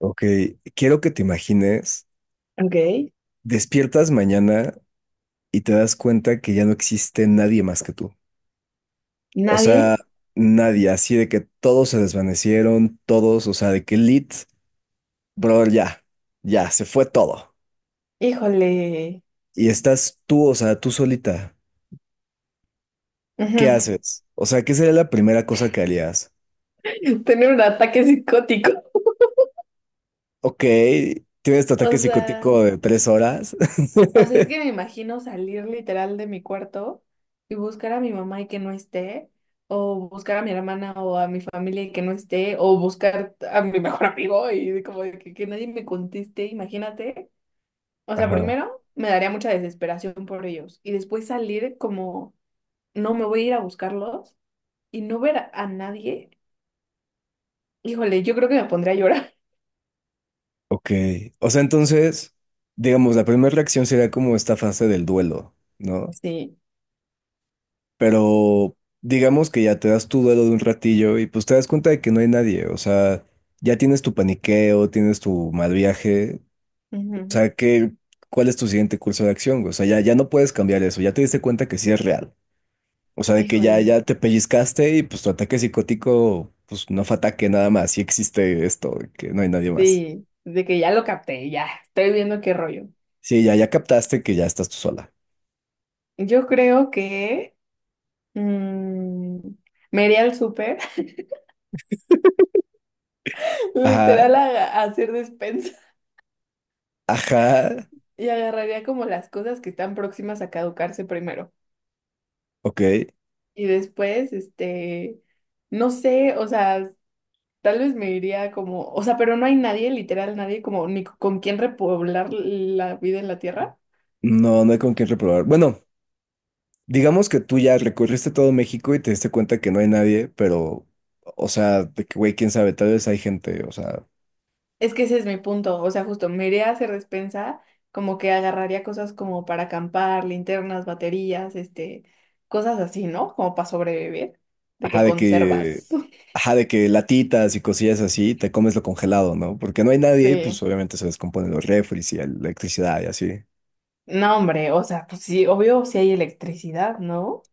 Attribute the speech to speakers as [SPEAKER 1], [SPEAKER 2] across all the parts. [SPEAKER 1] Ok, quiero que te imagines,
[SPEAKER 2] Ok,
[SPEAKER 1] despiertas mañana y te das cuenta que ya no existe nadie más que tú. O sea,
[SPEAKER 2] nadie,
[SPEAKER 1] nadie, así de que todos se desvanecieron, todos, brother, ya, ya, se fue todo.
[SPEAKER 2] híjole,
[SPEAKER 1] Y estás tú, o sea, tú solita. ¿Qué
[SPEAKER 2] ujú,
[SPEAKER 1] haces? O sea, ¿qué sería la primera cosa que harías?
[SPEAKER 2] tener un ataque psicótico.
[SPEAKER 1] Ok, tienes tu
[SPEAKER 2] O
[SPEAKER 1] ataque
[SPEAKER 2] sea,
[SPEAKER 1] psicótico de 3 horas.
[SPEAKER 2] es que me imagino salir literal de mi cuarto y buscar a mi mamá y que no esté, o buscar a mi hermana o a mi familia y que no esté, o buscar a mi mejor amigo y de como de que nadie me conteste, imagínate. O sea,
[SPEAKER 1] Ajá.
[SPEAKER 2] primero me daría mucha desesperación por ellos y después salir como, no, me voy a ir a buscarlos y no ver a nadie. Híjole, yo creo que me pondría a llorar.
[SPEAKER 1] Ok. O sea, entonces, digamos, la primera reacción sería como esta fase del duelo, ¿no?
[SPEAKER 2] Sí,
[SPEAKER 1] Pero digamos que ya te das tu duelo de un ratillo y pues te das cuenta de que no hay nadie. O sea, ya tienes tu paniqueo, tienes tu mal viaje. O
[SPEAKER 2] ujú.
[SPEAKER 1] sea, ¿qué, cuál es tu siguiente curso de acción, güey? O sea, ya, ya no puedes cambiar eso. Ya te diste cuenta que sí es real. O sea, de que ya,
[SPEAKER 2] Híjole,
[SPEAKER 1] ya te pellizcaste y pues tu ataque psicótico, pues no fue ataque nada más. Sí existe esto, que no hay nadie más.
[SPEAKER 2] sí, de que ya lo capté, ya, estoy viendo qué rollo.
[SPEAKER 1] Sí, ya, ya captaste que ya estás tú sola.
[SPEAKER 2] Yo creo que mm, me iría al súper,
[SPEAKER 1] Ajá.
[SPEAKER 2] literal, a hacer despensa,
[SPEAKER 1] Ajá,
[SPEAKER 2] y agarraría como las cosas que están próximas a caducarse primero.
[SPEAKER 1] ok.
[SPEAKER 2] Y después, este, no sé, o sea, tal vez me iría como, o sea, pero no hay nadie, literal, nadie como ni con quien repoblar la vida en la tierra.
[SPEAKER 1] No, no hay con quién reprobar. Bueno, digamos que tú ya recorriste todo México y te diste cuenta que no hay nadie, pero, o sea, de que, güey, quién sabe, tal vez hay gente, o sea,
[SPEAKER 2] Es que ese es mi punto, o sea, justo me iría a hacer despensa, como que agarraría cosas como para acampar, linternas, baterías, este, cosas así, ¿no? Como para sobrevivir, de
[SPEAKER 1] ajá,
[SPEAKER 2] que
[SPEAKER 1] de que,
[SPEAKER 2] conservas.
[SPEAKER 1] ajá, de que latitas y cosillas así, te comes lo congelado, ¿no? Porque no hay nadie, pues
[SPEAKER 2] Sí.
[SPEAKER 1] obviamente se descomponen los refris y la electricidad y así.
[SPEAKER 2] No, hombre, o sea, pues sí, obvio si hay electricidad, ¿no?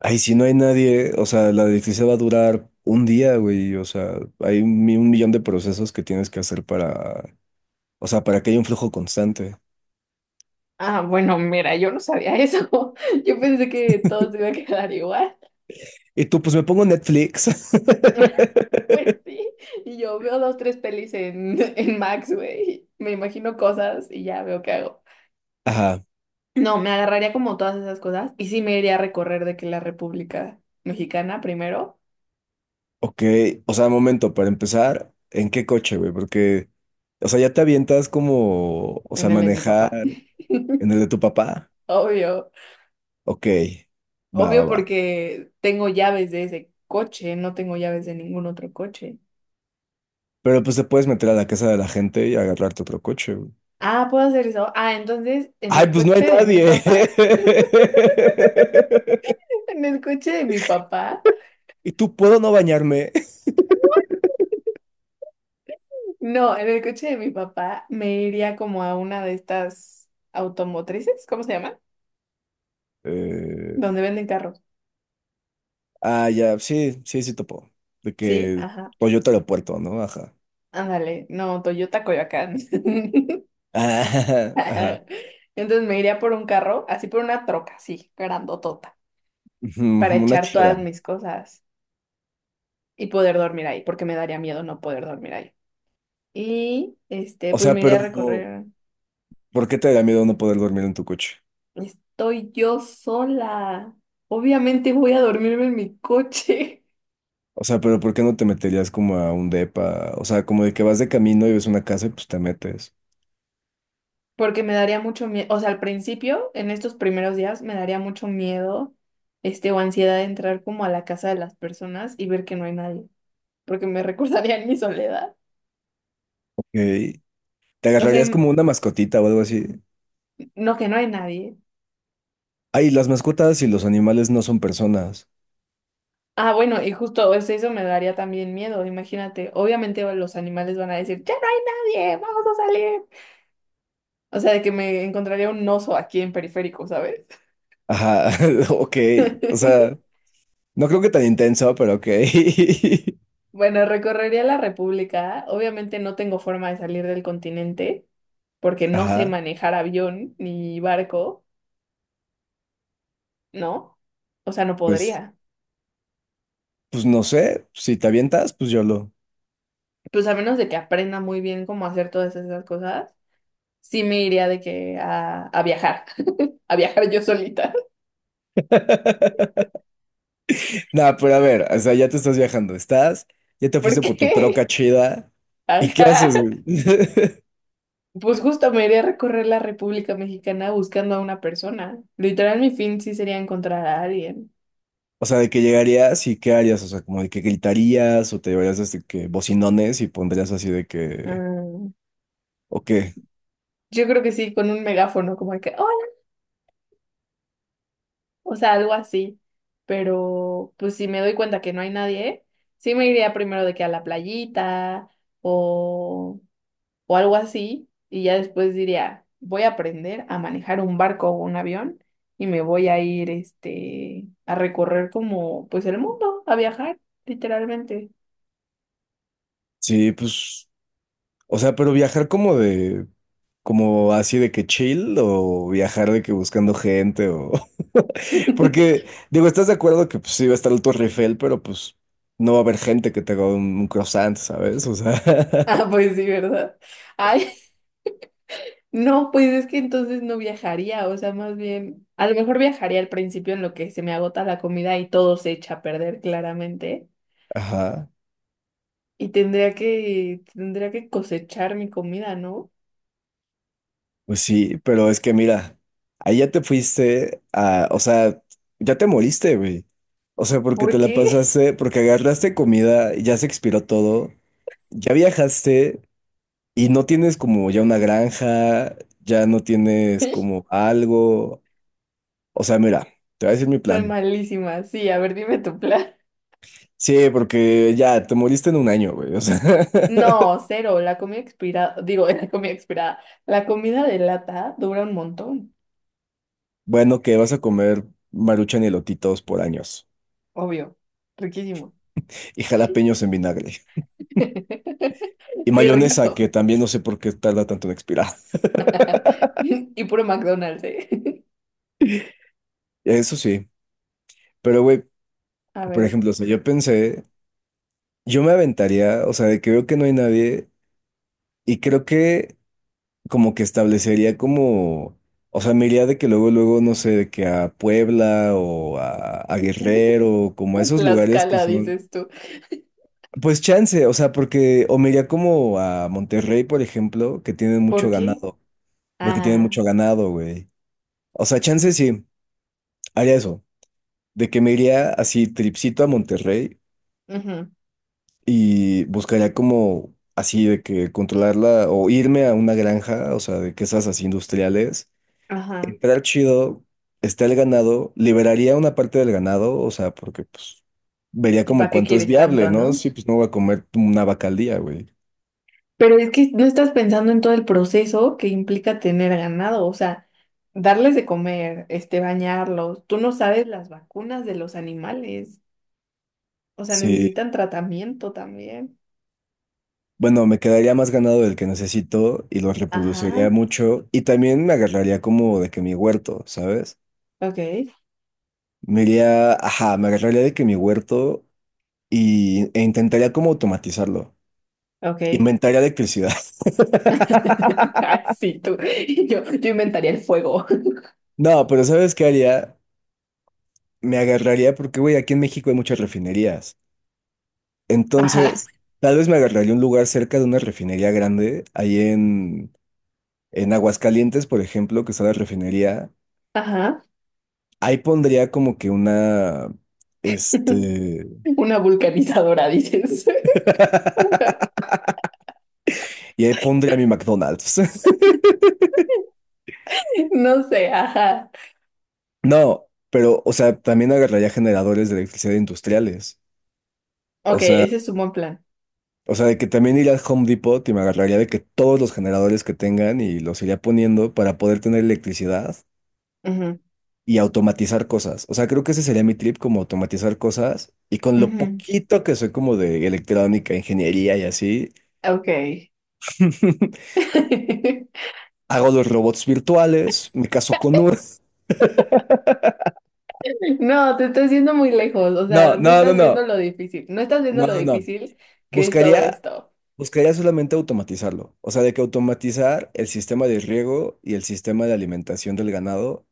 [SPEAKER 1] Ay, si no hay nadie, o sea, la electricidad va a durar un día, güey, o sea, hay 1 millón de procesos que tienes que hacer para, o sea, para que haya un flujo constante.
[SPEAKER 2] Ah, bueno, mira, yo no sabía eso. Yo pensé que todo se iba a quedar igual.
[SPEAKER 1] Y tú, pues me pongo Netflix.
[SPEAKER 2] Pues sí, y yo veo dos, tres pelis en, en Max, güey. Me imagino cosas y ya veo qué hago.
[SPEAKER 1] Ajá,
[SPEAKER 2] No, me agarraría como todas esas cosas y sí me iría a recorrer de que la República Mexicana primero,
[SPEAKER 1] ok. O sea, momento, para empezar, ¿en qué coche, güey? Porque, o sea, ya te avientas como, o sea,
[SPEAKER 2] en el de mi
[SPEAKER 1] manejar
[SPEAKER 2] papá.
[SPEAKER 1] en el de tu papá.
[SPEAKER 2] Obvio,
[SPEAKER 1] Ok, va, va,
[SPEAKER 2] obvio
[SPEAKER 1] va.
[SPEAKER 2] porque tengo llaves de ese coche, no tengo llaves de ningún otro coche.
[SPEAKER 1] Pero pues te puedes meter a la casa de la gente y agarrarte otro coche, güey.
[SPEAKER 2] Ah, ¿puedo hacer eso? Ah, entonces en
[SPEAKER 1] Ay,
[SPEAKER 2] el
[SPEAKER 1] pues no hay
[SPEAKER 2] coche de mi
[SPEAKER 1] nadie.
[SPEAKER 2] papá, en el coche de mi papá,
[SPEAKER 1] ¿Y tú puedo no bañarme?
[SPEAKER 2] no, en el coche de mi papá me iría como a una de estas automotrices, ¿cómo se llaman?
[SPEAKER 1] Eh,
[SPEAKER 2] Donde venden carros.
[SPEAKER 1] ah, ya, sí, sí, sí topo. De
[SPEAKER 2] Sí,
[SPEAKER 1] que
[SPEAKER 2] ajá.
[SPEAKER 1] Toyota Aeropuerto, ¿no? Ajá.
[SPEAKER 2] Ándale, no, Toyota Coyoacán.
[SPEAKER 1] Ajá, ajá.
[SPEAKER 2] Entonces me iría por un carro, así por una troca, así, grandotota,
[SPEAKER 1] Ujú,
[SPEAKER 2] para
[SPEAKER 1] una
[SPEAKER 2] echar
[SPEAKER 1] chida.
[SPEAKER 2] todas mis cosas y poder dormir ahí, porque me daría miedo no poder dormir ahí. Y este,
[SPEAKER 1] O
[SPEAKER 2] pues
[SPEAKER 1] sea,
[SPEAKER 2] me
[SPEAKER 1] pero
[SPEAKER 2] iría a recorrer.
[SPEAKER 1] ¿por qué te daría miedo no poder dormir en tu coche?
[SPEAKER 2] Estoy yo sola. Obviamente voy a dormirme en mi coche,
[SPEAKER 1] O sea, pero ¿por qué no te meterías como a un depa? O sea, como de que vas de camino y ves una casa y pues te metes.
[SPEAKER 2] porque me daría mucho miedo. O sea, al principio, en estos primeros días, me daría mucho miedo, este, o ansiedad de entrar como a la casa de las personas y ver que no hay nadie, porque me recordaría en mi soledad.
[SPEAKER 1] Ok. ¿Te
[SPEAKER 2] O sea,
[SPEAKER 1] agarrarías como una mascotita o algo así?
[SPEAKER 2] no, que no hay nadie.
[SPEAKER 1] Ay, las mascotas y los animales no son personas.
[SPEAKER 2] Ah, bueno, y justo eso, eso me daría también miedo, imagínate. Obviamente los animales van a decir, ya no hay nadie, vamos a salir. O sea, de que me encontraría un oso aquí en periférico, ¿sabes?
[SPEAKER 1] Ajá, ok. O sea, no creo que tan intenso, pero ok.
[SPEAKER 2] Bueno, recorrería la República. Obviamente no tengo forma de salir del continente porque no sé
[SPEAKER 1] Ajá.
[SPEAKER 2] manejar avión ni barco, ¿no? O sea, no
[SPEAKER 1] Pues,
[SPEAKER 2] podría.
[SPEAKER 1] pues no sé. Si te avientas, pues yo lo.
[SPEAKER 2] Pues a menos de que aprenda muy bien cómo hacer todas esas cosas, sí me iría de que a viajar, a viajar yo solita.
[SPEAKER 1] Nah, pero a ver, o sea, ya te estás viajando, estás, ya te fuiste por tu troca
[SPEAKER 2] Porque,
[SPEAKER 1] chida, ¿y qué
[SPEAKER 2] ajá,
[SPEAKER 1] haces, güey?
[SPEAKER 2] pues justo me iría a recorrer la República Mexicana buscando a una persona. Literal, mi fin sí sería encontrar a alguien.
[SPEAKER 1] O sea, de que llegarías y qué harías, o sea, como de que gritarías o te llevarías este que bocinones y pondrías así de que,
[SPEAKER 2] Mm,
[SPEAKER 1] o qué,
[SPEAKER 2] yo creo que sí, con un megáfono, como de que, hola, o sea, algo así. Pero, pues si me doy cuenta que no hay nadie, sí me iría primero de que a la playita o... o algo así, y ya después diría, voy a aprender a manejar un barco o un avión y me voy a ir este a recorrer como pues el mundo, a viajar, literalmente.
[SPEAKER 1] sí, pues, o sea, pero viajar como de, como así de que chill o viajar de que buscando gente o, porque, digo, estás de acuerdo que pues sí va a estar el Torre Eiffel, pero pues no va a haber gente que te haga un croissant, ¿sabes? O sea,
[SPEAKER 2] Ah, pues sí, ¿verdad? Ay, no, pues es que entonces no viajaría, o sea, más bien, a lo mejor viajaría al principio en lo que se me agota la comida y todo se echa a perder claramente,
[SPEAKER 1] ajá.
[SPEAKER 2] y tendría que cosechar mi comida, ¿no?
[SPEAKER 1] Pues sí, pero es que mira, ahí ya te fuiste a, o sea, ya te moriste, güey. O sea, porque te
[SPEAKER 2] ¿Por
[SPEAKER 1] la
[SPEAKER 2] qué?
[SPEAKER 1] pasaste, porque agarraste comida, ya se expiró todo, ya viajaste y no tienes como ya una granja, ya no tienes como algo. O sea, mira, te voy a decir mi
[SPEAKER 2] Soy
[SPEAKER 1] plan.
[SPEAKER 2] malísima. Sí, a ver, dime tu plan.
[SPEAKER 1] Sí, porque ya te moriste en un año, güey. O sea,
[SPEAKER 2] No, cero. La comida expirada, digo, la comida expirada. La comida de lata dura un montón,
[SPEAKER 1] bueno, que vas a comer maruchan y elotitos por años
[SPEAKER 2] obvio. Riquísimo.
[SPEAKER 1] y jalapeños en vinagre. Y
[SPEAKER 2] Qué
[SPEAKER 1] mayonesa,
[SPEAKER 2] rico.
[SPEAKER 1] que también no sé por qué tarda tanto en expirar.
[SPEAKER 2] Y puro McDonald's, ¿eh?
[SPEAKER 1] Eso sí. Pero, güey,
[SPEAKER 2] A
[SPEAKER 1] por
[SPEAKER 2] ver,
[SPEAKER 1] ejemplo, o sea, yo pensé, yo me aventaría, o sea, de que veo que no hay nadie, y creo que como que establecería como, o sea, me iría de que luego, luego, no sé, de que a Puebla o a Guerrero, como a esos lugares que
[SPEAKER 2] Tlaxcala,
[SPEAKER 1] son,
[SPEAKER 2] dices tú.
[SPEAKER 1] pues chance, o sea, porque, o me iría como a Monterrey, por ejemplo, que tienen mucho
[SPEAKER 2] ¿Por qué?
[SPEAKER 1] ganado, porque tienen
[SPEAKER 2] Ah,
[SPEAKER 1] mucho ganado, güey. O sea, chance sí, haría eso. De que me iría así tripsito a Monterrey
[SPEAKER 2] ujú,
[SPEAKER 1] y buscaría como así de que controlarla o irme a una granja, o sea, de que esas así industriales,
[SPEAKER 2] ajá.
[SPEAKER 1] entrar chido, está el ganado, liberaría una parte del ganado, o sea, porque pues vería
[SPEAKER 2] ¿Y
[SPEAKER 1] como
[SPEAKER 2] para qué
[SPEAKER 1] cuánto es
[SPEAKER 2] quieres
[SPEAKER 1] viable,
[SPEAKER 2] tanto,
[SPEAKER 1] ¿no?
[SPEAKER 2] no?
[SPEAKER 1] Sí, pues no voy a comer una vaca al día, güey.
[SPEAKER 2] Pero es que no estás pensando en todo el proceso que implica tener ganado, o sea, darles de comer, este, bañarlos. Tú no sabes las vacunas de los animales, o sea,
[SPEAKER 1] Sí.
[SPEAKER 2] necesitan tratamiento también.
[SPEAKER 1] Bueno, me quedaría más ganado del que necesito y lo reproduciría
[SPEAKER 2] Ajá,
[SPEAKER 1] mucho y también me agarraría como de que mi huerto, ¿sabes?
[SPEAKER 2] ok,
[SPEAKER 1] Me iría, ajá, me agarraría de que mi huerto y, e intentaría como automatizarlo.
[SPEAKER 2] ok.
[SPEAKER 1] Inventaría electricidad.
[SPEAKER 2] Ay, sí, tú. Yo inventaría el fuego.
[SPEAKER 1] No, pero ¿sabes qué haría? Me agarraría porque, güey, aquí en México hay muchas refinerías.
[SPEAKER 2] Ajá,
[SPEAKER 1] Entonces, tal vez me agarraría un lugar cerca de una refinería grande, ahí en Aguascalientes, por ejemplo, que está la refinería.
[SPEAKER 2] ajá.
[SPEAKER 1] Ahí pondría como que una, este,
[SPEAKER 2] Una vulcanizadora, dices.
[SPEAKER 1] y ahí pondría mi McDonald's.
[SPEAKER 2] No sé, ajá.
[SPEAKER 1] No, pero, o sea, también agarraría generadores de electricidad industriales. O
[SPEAKER 2] Ok,
[SPEAKER 1] sea...
[SPEAKER 2] ese es un buen plan.
[SPEAKER 1] O sea, de que también iría al Home Depot y me agarraría de que todos los generadores que tengan y los iría poniendo para poder tener electricidad
[SPEAKER 2] Ujú,
[SPEAKER 1] y automatizar cosas. O sea, creo que ese sería mi trip, como automatizar cosas. Y con lo
[SPEAKER 2] ujú.
[SPEAKER 1] poquito que soy como de electrónica, ingeniería y así,
[SPEAKER 2] Ok.
[SPEAKER 1] hago los robots virtuales, me caso con uno.
[SPEAKER 2] No, te estás yendo muy lejos, o
[SPEAKER 1] No,
[SPEAKER 2] sea, no
[SPEAKER 1] no, no,
[SPEAKER 2] estás viendo
[SPEAKER 1] no.
[SPEAKER 2] lo difícil, no estás viendo
[SPEAKER 1] No,
[SPEAKER 2] lo
[SPEAKER 1] no, no.
[SPEAKER 2] difícil que es todo
[SPEAKER 1] Buscaría,
[SPEAKER 2] esto.
[SPEAKER 1] buscaría solamente automatizarlo. O sea, de que automatizar el sistema de riego y el sistema de alimentación del ganado.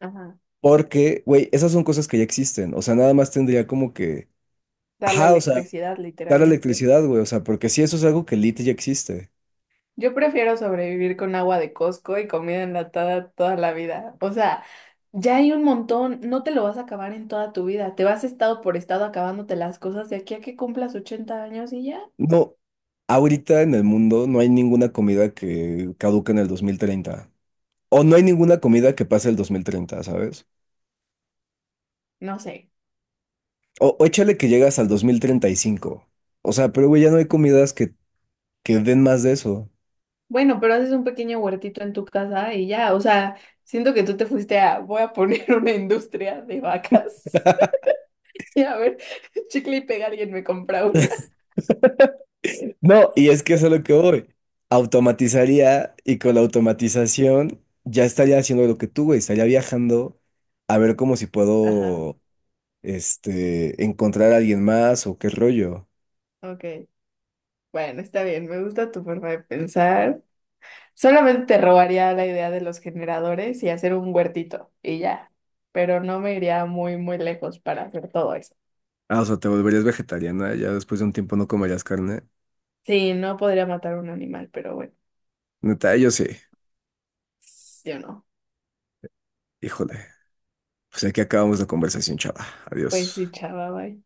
[SPEAKER 2] Ajá.
[SPEAKER 1] Porque, güey, esas son cosas que ya existen. O sea, nada más tendría como que.
[SPEAKER 2] Darle
[SPEAKER 1] Ajá, o sea,
[SPEAKER 2] electricidad,
[SPEAKER 1] dar
[SPEAKER 2] literalmente.
[SPEAKER 1] electricidad, güey. O sea, porque si eso es algo que lit ya existe.
[SPEAKER 2] Yo prefiero sobrevivir con agua de Costco y comida enlatada toda la vida. O sea, ya hay un montón, no te lo vas a acabar en toda tu vida. Te vas estado por estado acabándote las cosas de aquí a que cumplas 80 años y ya,
[SPEAKER 1] No, ahorita en el mundo no hay ninguna comida que caduque en el 2030. O no hay ninguna comida que pase el 2030, ¿sabes?
[SPEAKER 2] no sé.
[SPEAKER 1] O échale que llegas al 2035. O sea, pero güey, ya no hay comidas que den más de eso.
[SPEAKER 2] Bueno, pero haces un pequeño huertito en tu casa y ya, o sea, siento que tú te fuiste a, voy a poner una industria de vacas. Y a ver, chicle y pega, alguien me compra una.
[SPEAKER 1] No, y es que eso es lo que voy. Automatizaría y con la automatización ya estaría haciendo lo que tú, güey. Estaría viajando a ver cómo si
[SPEAKER 2] Ajá,
[SPEAKER 1] puedo, este, encontrar a alguien más o qué rollo.
[SPEAKER 2] ok. Bueno, está bien, me gusta tu forma de pensar. Solamente te robaría la idea de los generadores y hacer un huertito y ya, pero no me iría muy, muy lejos para hacer todo eso.
[SPEAKER 1] Ah, o sea, te volverías vegetariana, ya después de un tiempo no comerías carne.
[SPEAKER 2] Sí, no podría matar a un animal, pero bueno,
[SPEAKER 1] Neta, yo sí.
[SPEAKER 2] yo no.
[SPEAKER 1] Híjole. Pues aquí acabamos la conversación, chava.
[SPEAKER 2] Pues
[SPEAKER 1] Adiós.
[SPEAKER 2] sí, chava, bye.